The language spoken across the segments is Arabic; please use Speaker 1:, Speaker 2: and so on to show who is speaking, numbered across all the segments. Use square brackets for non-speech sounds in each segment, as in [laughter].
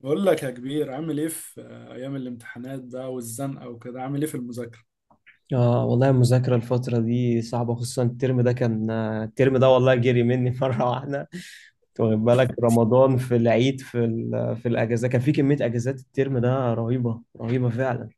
Speaker 1: بقول لك يا كبير، عامل ايه في ايام الامتحانات بقى والزنقه وكده؟ عامل ايه في المذاكره؟
Speaker 2: اه والله المذاكرة الفترة دي صعبة، خصوصا الترم ده. والله جري مني [laughs] مرة واحدة. انت واخد بالك؟ رمضان، في العيد، في في الأجازة، كان في كمية أجازات الترم ده رهيبة رهيبة فعلا.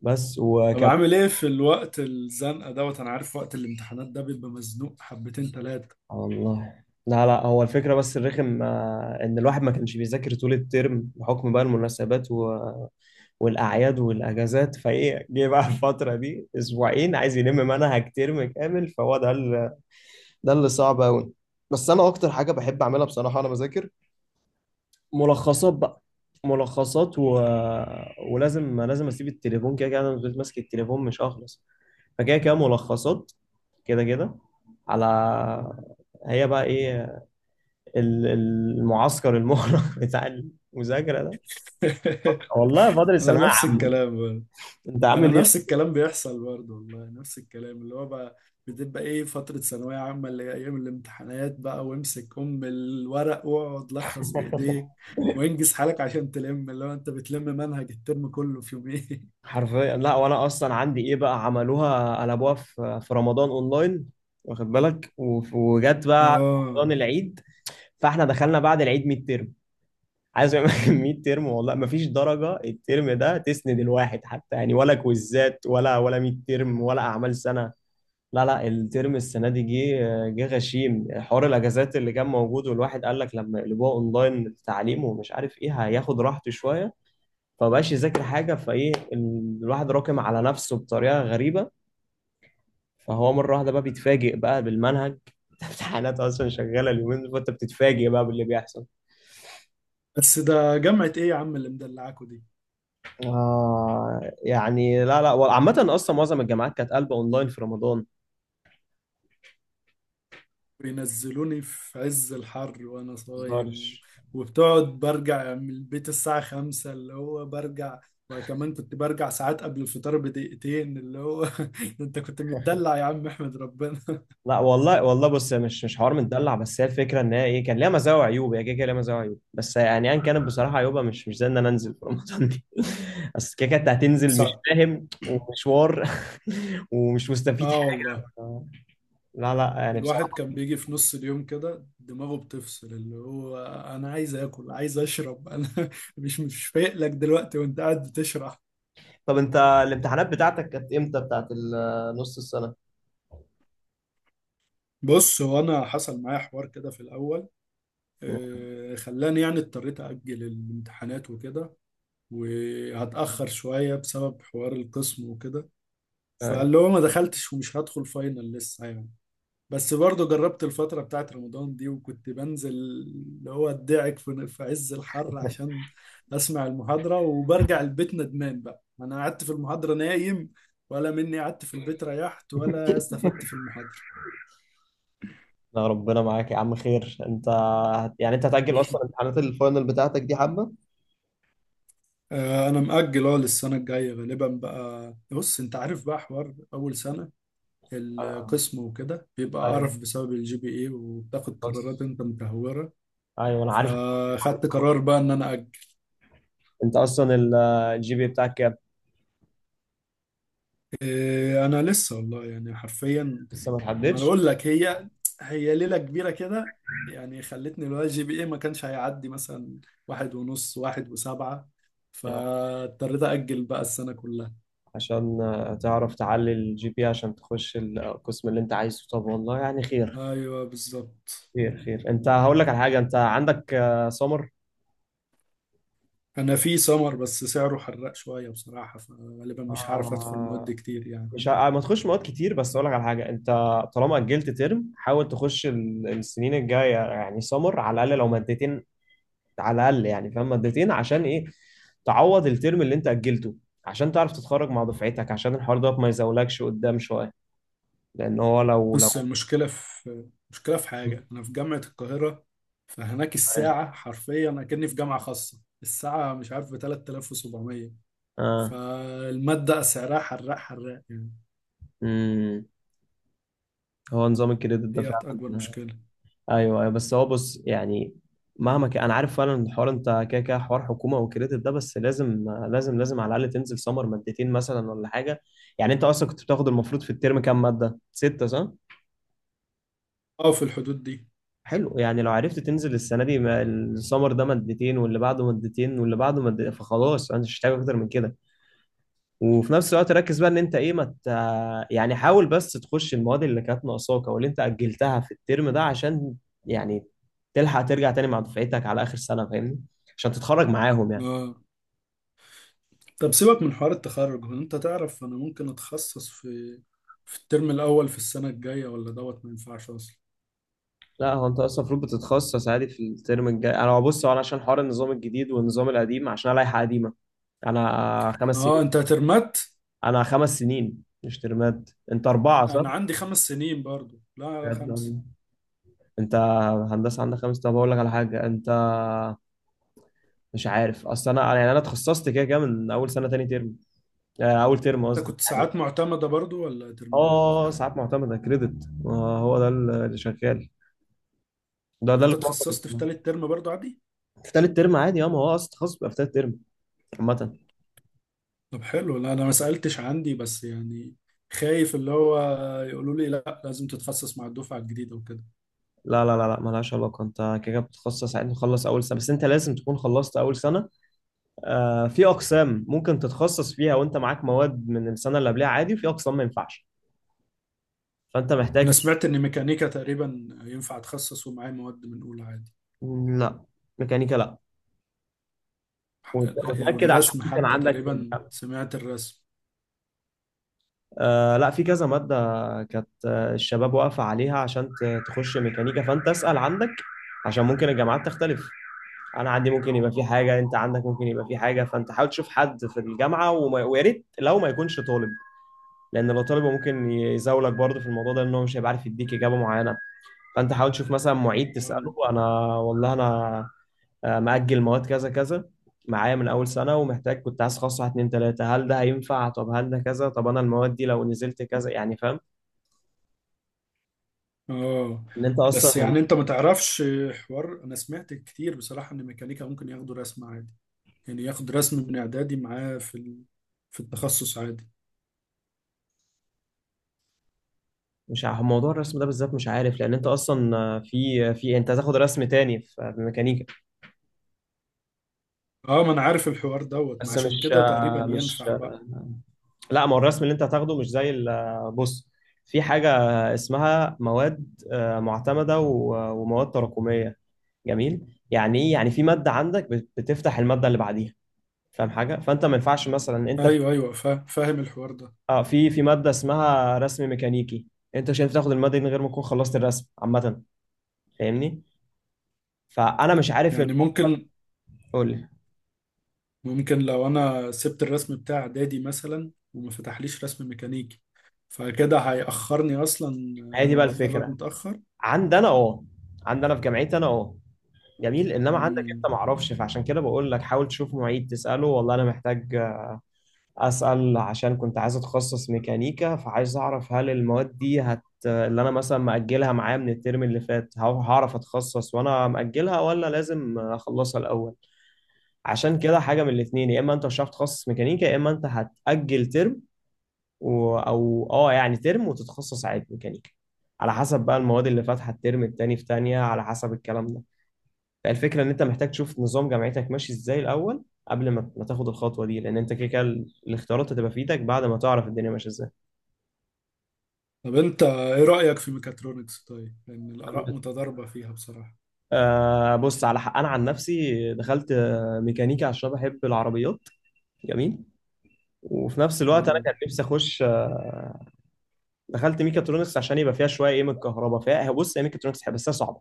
Speaker 2: بس
Speaker 1: طب
Speaker 2: وكم
Speaker 1: عامل ايه في الوقت الزنقه دوت، انا عارف وقت الامتحانات ده بيبقى مزنوق حبتين ثلاثه.
Speaker 2: والله، لا لا. هو الفكرة بس الرخم إن الواحد ما كانش بيذاكر طول الترم بحكم بقى المناسبات والأعياد والأجازات. فإيه، جه بقى الفترة دي أسبوعين عايز يلم منهج ترم كامل، فهو ده اللي صعب قوي. بس انا اكتر حاجه بحب اعملها بصراحه وانا بذاكر ملخصات بقى. ملخصات ولازم، لازم اسيب التليفون. كده كده انا لو فضلت ماسك التليفون مش هخلص، فكده كده ملخصات. كده كده على، هي بقى ايه، المعسكر المغلق [laughs] بتاع المذاكره ده. والله
Speaker 1: [laughs]
Speaker 2: فاضل
Speaker 1: انا
Speaker 2: الثانويه
Speaker 1: نفس
Speaker 2: عامه.
Speaker 1: الكلام برضه.
Speaker 2: انت
Speaker 1: انا
Speaker 2: عامل
Speaker 1: نفس
Speaker 2: ايه؟
Speaker 1: الكلام بيحصل برضه، والله نفس الكلام. اللي هو بقى بتبقى ايه فتره ثانويه عامه، اللي هي ايام الامتحانات بقى، وامسك ام الورق واقعد لخص بايديك وانجز حالك عشان تلم، اللي هو انت بتلم منهج الترم كله في يومين.
Speaker 2: حرفيا. لا، وانا اصلا عندي ايه بقى، عملوها قلبوها في رمضان اونلاين، واخد بالك؟ وجت
Speaker 1: [laughs]
Speaker 2: بقى
Speaker 1: اه.
Speaker 2: رمضان، العيد، فاحنا دخلنا بعد العيد ميد ترم. عايز اقول لك [laughs] ميد ترم والله ما فيش درجه الترم ده تسند الواحد حتى، يعني ولا كويزات ولا ميد ترم ولا اعمال سنه. لا لا، الترم السنه دي جه غشيم. حوار الاجازات اللي كان موجود، والواحد قال لك لما يقلبوها اونلاين التعليم، ومش عارف ايه، هياخد راحته شويه، فبقاش يذاكر حاجه. فايه، الواحد راكم على نفسه بطريقه غريبه، فهو مره واحده بقى بيتفاجئ بقى بالمنهج. [laughs] امتحانات اصلا شغاله اليومين دول، فانت بتتفاجئ بقى باللي بيحصل.
Speaker 1: بس ده جامعة ايه يا عم اللي مدلعاكوا دي؟
Speaker 2: آه يعني، لا لا. عامة أصلا معظم الجامعات كانت قلبة أونلاين في رمضان.
Speaker 1: بينزلوني في عز الحر وانا صايم
Speaker 2: متهزرش.
Speaker 1: وبتقعد برجع من البيت الساعة خمسة، اللي هو برجع. وكمان كنت برجع ساعات قبل الفطار بدقيقتين، اللي هو [laughs] انت كنت متدلع يا عم احمد، ربنا.
Speaker 2: لا والله، والله بص، هي مش حوار متدلع، بس هي الفكره ان هي ايه، كان ليها مزايا وعيوب. هي كده كده ليها مزايا وعيوب، بس يعني ايا كانت بصراحه عيوبها مش زي ان انا انزل في رمضان دي. [laughs] بس كده كده أنت هتنزل مش
Speaker 1: صعب.
Speaker 2: فاهم ومشوار [laughs] ومش مستفيد
Speaker 1: اه
Speaker 2: حاجه.
Speaker 1: والله.
Speaker 2: لا لا، يعني
Speaker 1: الواحد
Speaker 2: بصراحه.
Speaker 1: كان بيجي في نص اليوم كده دماغه بتفصل، اللي هو انا عايز اكل عايز اشرب، انا [laughs] مش فايق لك دلوقتي وانت قاعد بتشرح.
Speaker 2: طب انت الامتحانات بتاعتك كانت امتى، بتاعت نص السنه؟
Speaker 1: بص، هو انا حصل معايا حوار كده في الاول، خلاني يعني اضطريت أجل الامتحانات وكده، وهتأخر شوية بسبب حوار القسم وكده. فاللي هو ما دخلتش ومش هدخل فاينل لسه يعني. بس برضه جربت الفترة بتاعت رمضان دي، وكنت بنزل، اللي هو ادعك في عز الحر عشان أسمع المحاضرة، وبرجع البيت ندمان بقى. أنا قعدت في المحاضرة نايم، ولا مني قعدت في البيت ريحت، ولا استفدت في المحاضرة.
Speaker 2: لا ربنا معاك يا عم، خير. انت يعني انت هتأجل اصلا امتحانات الفاينل بتاعتك دي حبة؟
Speaker 1: أنا مأجل أه للسنة الجاية غالبا بقى. بص أنت عارف بقى حوار أول سنة،
Speaker 2: آه،
Speaker 1: القسم وكده بيبقى
Speaker 2: ايوه،
Speaker 1: قرف بسبب الجي بي اي، وبتاخد قرارات
Speaker 2: خلاص،
Speaker 1: انت متهورة.
Speaker 2: ايوه انا عارف.
Speaker 1: فخدت قرار بقى ان انا
Speaker 2: انت اصلا الجي بي بتاعك كام؟
Speaker 1: إيه، انا لسه والله يعني حرفيا.
Speaker 2: لسه ما
Speaker 1: ما انا
Speaker 2: تحددش.
Speaker 1: اقول لك، هي هي ليلة كبيرة كده يعني، خلتني. لو الجي بي اي ما كانش هيعدي مثلا واحد ونص، واحد وسبعة،
Speaker 2: يعني
Speaker 1: فاضطريت اجل بقى السنة كلها.
Speaker 2: عشان آه، تعرف تعلي الجي بي عشان تخش القسم اللي انت عايزه. طب والله يعني خير،
Speaker 1: ايوه بالظبط.
Speaker 2: خير خير. انت هقول لك على حاجة، انت عندك آه، سمر؟
Speaker 1: انا في سمر، بس سعره حرق شوية بصراحة، فغالبا مش هعرف ادخل مواد
Speaker 2: آه،
Speaker 1: كتير يعني.
Speaker 2: ما تخش مواد كتير، بس اقول لك على حاجة: انت طالما أجلت ترم، حاول تخش السنين الجاية يعني سمر، على الأقل لو مادتين، على الاقل، يعني فاهم، مادتين، عشان ايه؟ تعوض الترم اللي انت اجلته، عشان تعرف تتخرج مع دفعتك، عشان الحوار ده ما يزولكش قدام شويه، لان هو لو
Speaker 1: بص
Speaker 2: [laughs]
Speaker 1: المشكلة، في مشكلة في حاجة، أنا في جامعة القاهرة، فهناك الساعة حرفيا أكني في جامعة خاصة، الساعة مش عارف ب 3700.
Speaker 2: اه.
Speaker 1: فالمادة سعرها حراق حراق يعني.
Speaker 2: امم. هو نظام الكريدت ده
Speaker 1: ديت أكبر
Speaker 2: فعلا.
Speaker 1: مشكلة.
Speaker 2: ايوه، أيوة. بس هو بص، يعني مهما كان انا عارف فعلا الحوار، انت كده كده حوار حكومه وكريدت ده، بس لازم، لازم على الاقل تنزل سمر مادتين مثلا ولا حاجه. يعني انت اصلا كنت بتاخد المفروض في الترم كام ماده، سته صح؟
Speaker 1: أه في الحدود دي.
Speaker 2: حلو. يعني لو عرفت تنزل السنه دي السمر ده مادتين، واللي بعده مادتين، واللي بعده مادتين، فخلاص انا مش محتاج اكتر من كده. وفي نفس الوقت ركز بقى ان انت ايه، ما مت... يعني حاول بس تخش المواد اللي كانت ناقصاك او اللي انت اجلتها في الترم ده، عشان يعني تلحق ترجع تاني مع دفعتك على اخر سنه، فاهمني؟ عشان تتخرج معاهم يعني.
Speaker 1: أه. طب سيبك من حوار التخرج، هو أنت تعرف أنا ممكن أتخصص في في الترم الأول في السنة الجاية، ولا دوت ما ينفعش أصلا؟
Speaker 2: لا هو انت اصلا المفروض بتتخصص عادي في الترم الجاي. انا بص، هو انا عشان حوار النظام الجديد والنظام القديم، عشان انا لائحه قديمه، انا خمس
Speaker 1: أه
Speaker 2: سنين.
Speaker 1: أنت ترمت.
Speaker 2: انا خمس سنين مش ترمات. انت
Speaker 1: أ-
Speaker 2: اربعه صح؟
Speaker 1: أنا عندي خمس سنين برضو، لا خمسة.
Speaker 2: بجد؟ انت هندسه عندك خمس؟ طب اقول لك على حاجه، انت مش عارف اصل انا يعني انا اتخصصت كده كده من اول سنه تاني ترم، آه، اول ترم
Speaker 1: أنت
Speaker 2: قصدي
Speaker 1: كنت
Speaker 2: يعني.
Speaker 1: ساعات معتمدة برضو ولا ترمات؟
Speaker 2: اه، ساعات معتمده كريدت، هو ده اللي شغال، ده
Speaker 1: يعني انت
Speaker 2: اللي في
Speaker 1: اتخصصت في
Speaker 2: مصر.
Speaker 1: تالت ترم برضو عادي.
Speaker 2: في تالت ترم عادي، اه، ما هو اصلا التخصص بيبقى في تالت ترم عامة.
Speaker 1: طب حلو. لا انا ما سألتش عندي، بس يعني خايف اللي هو يقولوا لي لا لازم تتخصص مع الدفعة الجديدة وكده.
Speaker 2: لا مالهاش علاقة، انت كده كده بتتخصص عادي، تخلص أول سنة، بس انت لازم تكون خلصت أول سنة. آه، في أقسام ممكن تتخصص فيها وانت معاك مواد من السنة اللي قبلها عادي، وفي أقسام ما ينفعش، فانت
Speaker 1: انا
Speaker 2: محتاج.
Speaker 1: سمعت ان ميكانيكا تقريبا ينفع اتخصص ومعايا مواد من اولى عادي.
Speaker 2: لا، ميكانيكا لا.
Speaker 1: لا،
Speaker 2: وتأكد عشان
Speaker 1: والرسم
Speaker 2: ممكن
Speaker 1: حتى
Speaker 2: عندك في
Speaker 1: تقريبا،
Speaker 2: الجامعة.
Speaker 1: سمعت الرسم.
Speaker 2: آه لا، في كذا مادة كانت آه، الشباب واقفة عليها عشان تخش ميكانيكا، فأنت اسأل عندك، عشان ممكن الجامعات تختلف. أنا عندي ممكن يبقى في حاجة، أنت عندك ممكن يبقى في حاجة، فأنت حاول تشوف حد في الجامعة، ويا ريت لو ما يكونش طالب، لأن لو طالب هو ممكن يزاولك برضه في الموضوع ده، لأن هو مش هيبقى عارف يديك إجابة معينة. فأنت حاول تشوف مثلا معيد
Speaker 1: اه.
Speaker 2: تسأله، أنا والله أنا آه، مأجل مواد كذا كذا معايا من أول سنة، ومحتاج، كنت عايز أخصص واحد اتنين تلاتة، هل ده هينفع؟ طب هل ده كذا؟ طب أنا المواد دي لو نزلت كذا، يعني فاهم،
Speaker 1: آه.
Speaker 2: إن أنت
Speaker 1: بس
Speaker 2: أصلا،
Speaker 1: يعني انت ما تعرفش حوار. انا سمعت كتير بصراحة ان ميكانيكا ممكن ياخدوا رسم عادي، يعني ياخد رسم من اعدادي معاه في التخصص عادي.
Speaker 2: مش عارف موضوع الرسم ده بالذات مش عارف، لأن أنت أصلا آه، في أنت هتاخد رسم تاني في ميكانيكا،
Speaker 1: اه ما انا عارف الحوار دوت، ما
Speaker 2: بس
Speaker 1: عشان
Speaker 2: مش
Speaker 1: كده تقريبا
Speaker 2: آه، مش
Speaker 1: ينفع
Speaker 2: آه،
Speaker 1: بقى.
Speaker 2: لا، ما هو الرسم اللي أنت هتاخده مش زي آه، بص، في حاجة اسمها مواد آه، معتمدة ومواد تراكمية. جميل. يعني إيه؟ يعني في مادة عندك بتفتح المادة اللي بعديها، فاهم حاجه، فانت ما ينفعش مثلا انت في،
Speaker 1: ايوه ايوه، فاهم الحوار ده.
Speaker 2: اه، في ماده اسمها رسم ميكانيكي، انت مش هينفع تاخد الماده دي من غير ما تكون خلصت الرسم عامه، فاهمني؟ فانا مش عارف
Speaker 1: يعني ممكن،
Speaker 2: قول لي.
Speaker 1: ممكن لو انا سبت الرسم بتاع اعدادي مثلا وما فتحليش رسم ميكانيكي، فكده هيأخرني اصلا،
Speaker 2: هي دي بقى
Speaker 1: اتخرج
Speaker 2: الفكره.
Speaker 1: متأخر.
Speaker 2: عندنا اه، عندنا في جامعتي انا اه، جميل، انما عندك
Speaker 1: مم.
Speaker 2: انت ما اعرفش، فعشان كده بقول لك حاول تشوف معيد تساله، والله انا محتاج اسال، عشان كنت عايز اتخصص ميكانيكا، فعايز اعرف هل المواد دي هت، اللي انا مثلا مأجلها معايا من الترم اللي فات، هعرف اتخصص وانا مأجلها، ولا لازم اخلصها الاول؟ عشان كده حاجه من الاثنين، يا اما انت مش هتعرف تتخصص ميكانيكا، يا اما انت هتأجل ترم او اه يعني ترم، وتتخصص عادي ميكانيكا، على حسب بقى المواد اللي فاتحه الترم التاني في تانية، على حسب الكلام ده. فالفكره ان انت محتاج تشوف نظام جامعتك ماشي ازاي الاول قبل ما تاخد الخطوه دي، لان انت كده كده الاختيارات هتبقى في ايدك بعد ما تعرف الدنيا ماشيه ازاي.
Speaker 1: طب انت ايه رأيك في ميكاترونكس؟ طيب لان الآراء متضاربة فيها بصراحة.
Speaker 2: آه بص، على حق. انا عن نفسي دخلت آه، ميكانيكا عشان بحب العربيات، جميل، وفي نفس الوقت انا
Speaker 1: آه.
Speaker 2: كان نفسي اخش، دخلت ميكاترونكس عشان يبقى فيها شويه ايه، من الكهرباء فيها. بص، هي ميكاترونكس حلوة، بس هي صعبه.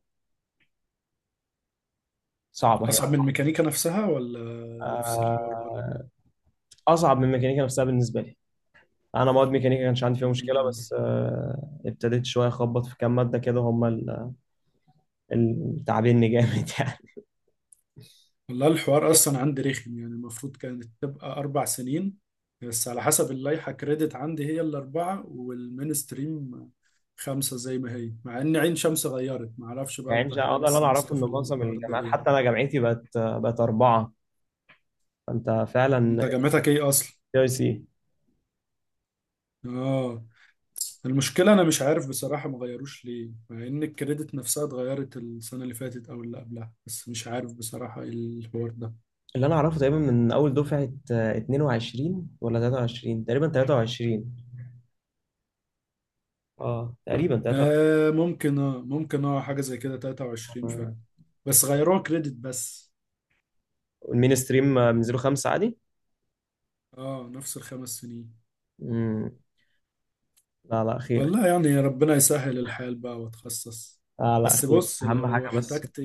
Speaker 2: صعبه هي
Speaker 1: اصعب من الميكانيكا نفسها ولا نفس الحوار برضه؟
Speaker 2: آه، اصعب من ميكانيكا نفسها بالنسبه لي. انا مواد ميكانيكا كانش عندي فيها مشكله،
Speaker 1: مم.
Speaker 2: بس آه، ابتديت شويه اخبط في كام ماده كده، هم تعبني جامد [laughs] يعني.
Speaker 1: والله الحوار اصلا عندي رخم يعني، المفروض كانت تبقى اربع سنين، بس على حسب اللائحه كريدت عندي هي الاربعه، والمينستريم خمسه زي ما هي، مع ان عين شمس غيرت، ما اعرفش بقى
Speaker 2: يعني مش
Speaker 1: القاهره
Speaker 2: هقدر. اللي انا
Speaker 1: لسه
Speaker 2: اعرفه
Speaker 1: ماسكه
Speaker 2: ان
Speaker 1: في
Speaker 2: معظم
Speaker 1: الحوار ده
Speaker 2: الجامعات، حتى
Speaker 1: ليه.
Speaker 2: انا جامعتي بقت اربعه، فانت
Speaker 1: انت
Speaker 2: فعلا.
Speaker 1: جامعتك ايه اصلا؟
Speaker 2: اي سي.
Speaker 1: اه. المشكله انا مش عارف بصراحه ما غيروش ليه، مع ان الكريدت نفسها اتغيرت السنه اللي فاتت او اللي قبلها، بس مش عارف بصراحه ايه الحوار ده.
Speaker 2: اللي انا اعرفه تقريبا من اول دفعه آه، 22 ولا 23 تقريبا، 23، اه تقريبا 23.
Speaker 1: آه ممكن، اه ممكن، اه حاجة زي كده 23 فعلا. بس غيروها كريدت بس.
Speaker 2: المين ستريم من 5 عادي.
Speaker 1: اه نفس الخمس سنين.
Speaker 2: مم. لا لا، خير.
Speaker 1: والله يعني ربنا يسهل الحال بقى واتخصص.
Speaker 2: لا لا،
Speaker 1: بس
Speaker 2: خير،
Speaker 1: بص،
Speaker 2: اهم
Speaker 1: لو
Speaker 2: حاجه. بس
Speaker 1: احتجت،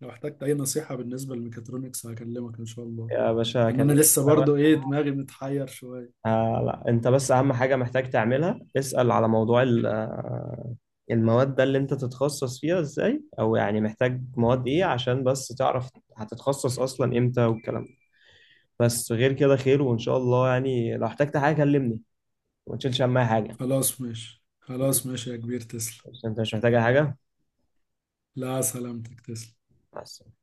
Speaker 1: لو احتجت اي نصيحة بالنسبة للميكاترونكس هكلمك ان شاء الله.
Speaker 2: يا باشا
Speaker 1: يعني انا
Speaker 2: كلمني.
Speaker 1: لسه برضو ايه، دماغي متحير شوية.
Speaker 2: آه لا، انت بس اهم حاجه محتاج تعملها، اسال على موضوع آه، المواد ده، اللي انت تتخصص فيها ازاي، او يعني محتاج مواد ايه، عشان بس تعرف هتتخصص اصلا امتى، والكلام ده. بس غير كده خير، وان شاء الله يعني لو احتجت حاجه كلمني، وما تشيلش هم أي حاجه.
Speaker 1: خلاص ماشي، خلاص ماشي يا كبير تسلم.
Speaker 2: بس انت مش محتاج أي حاجه؟
Speaker 1: لا سلامتك تسلم.
Speaker 2: بس.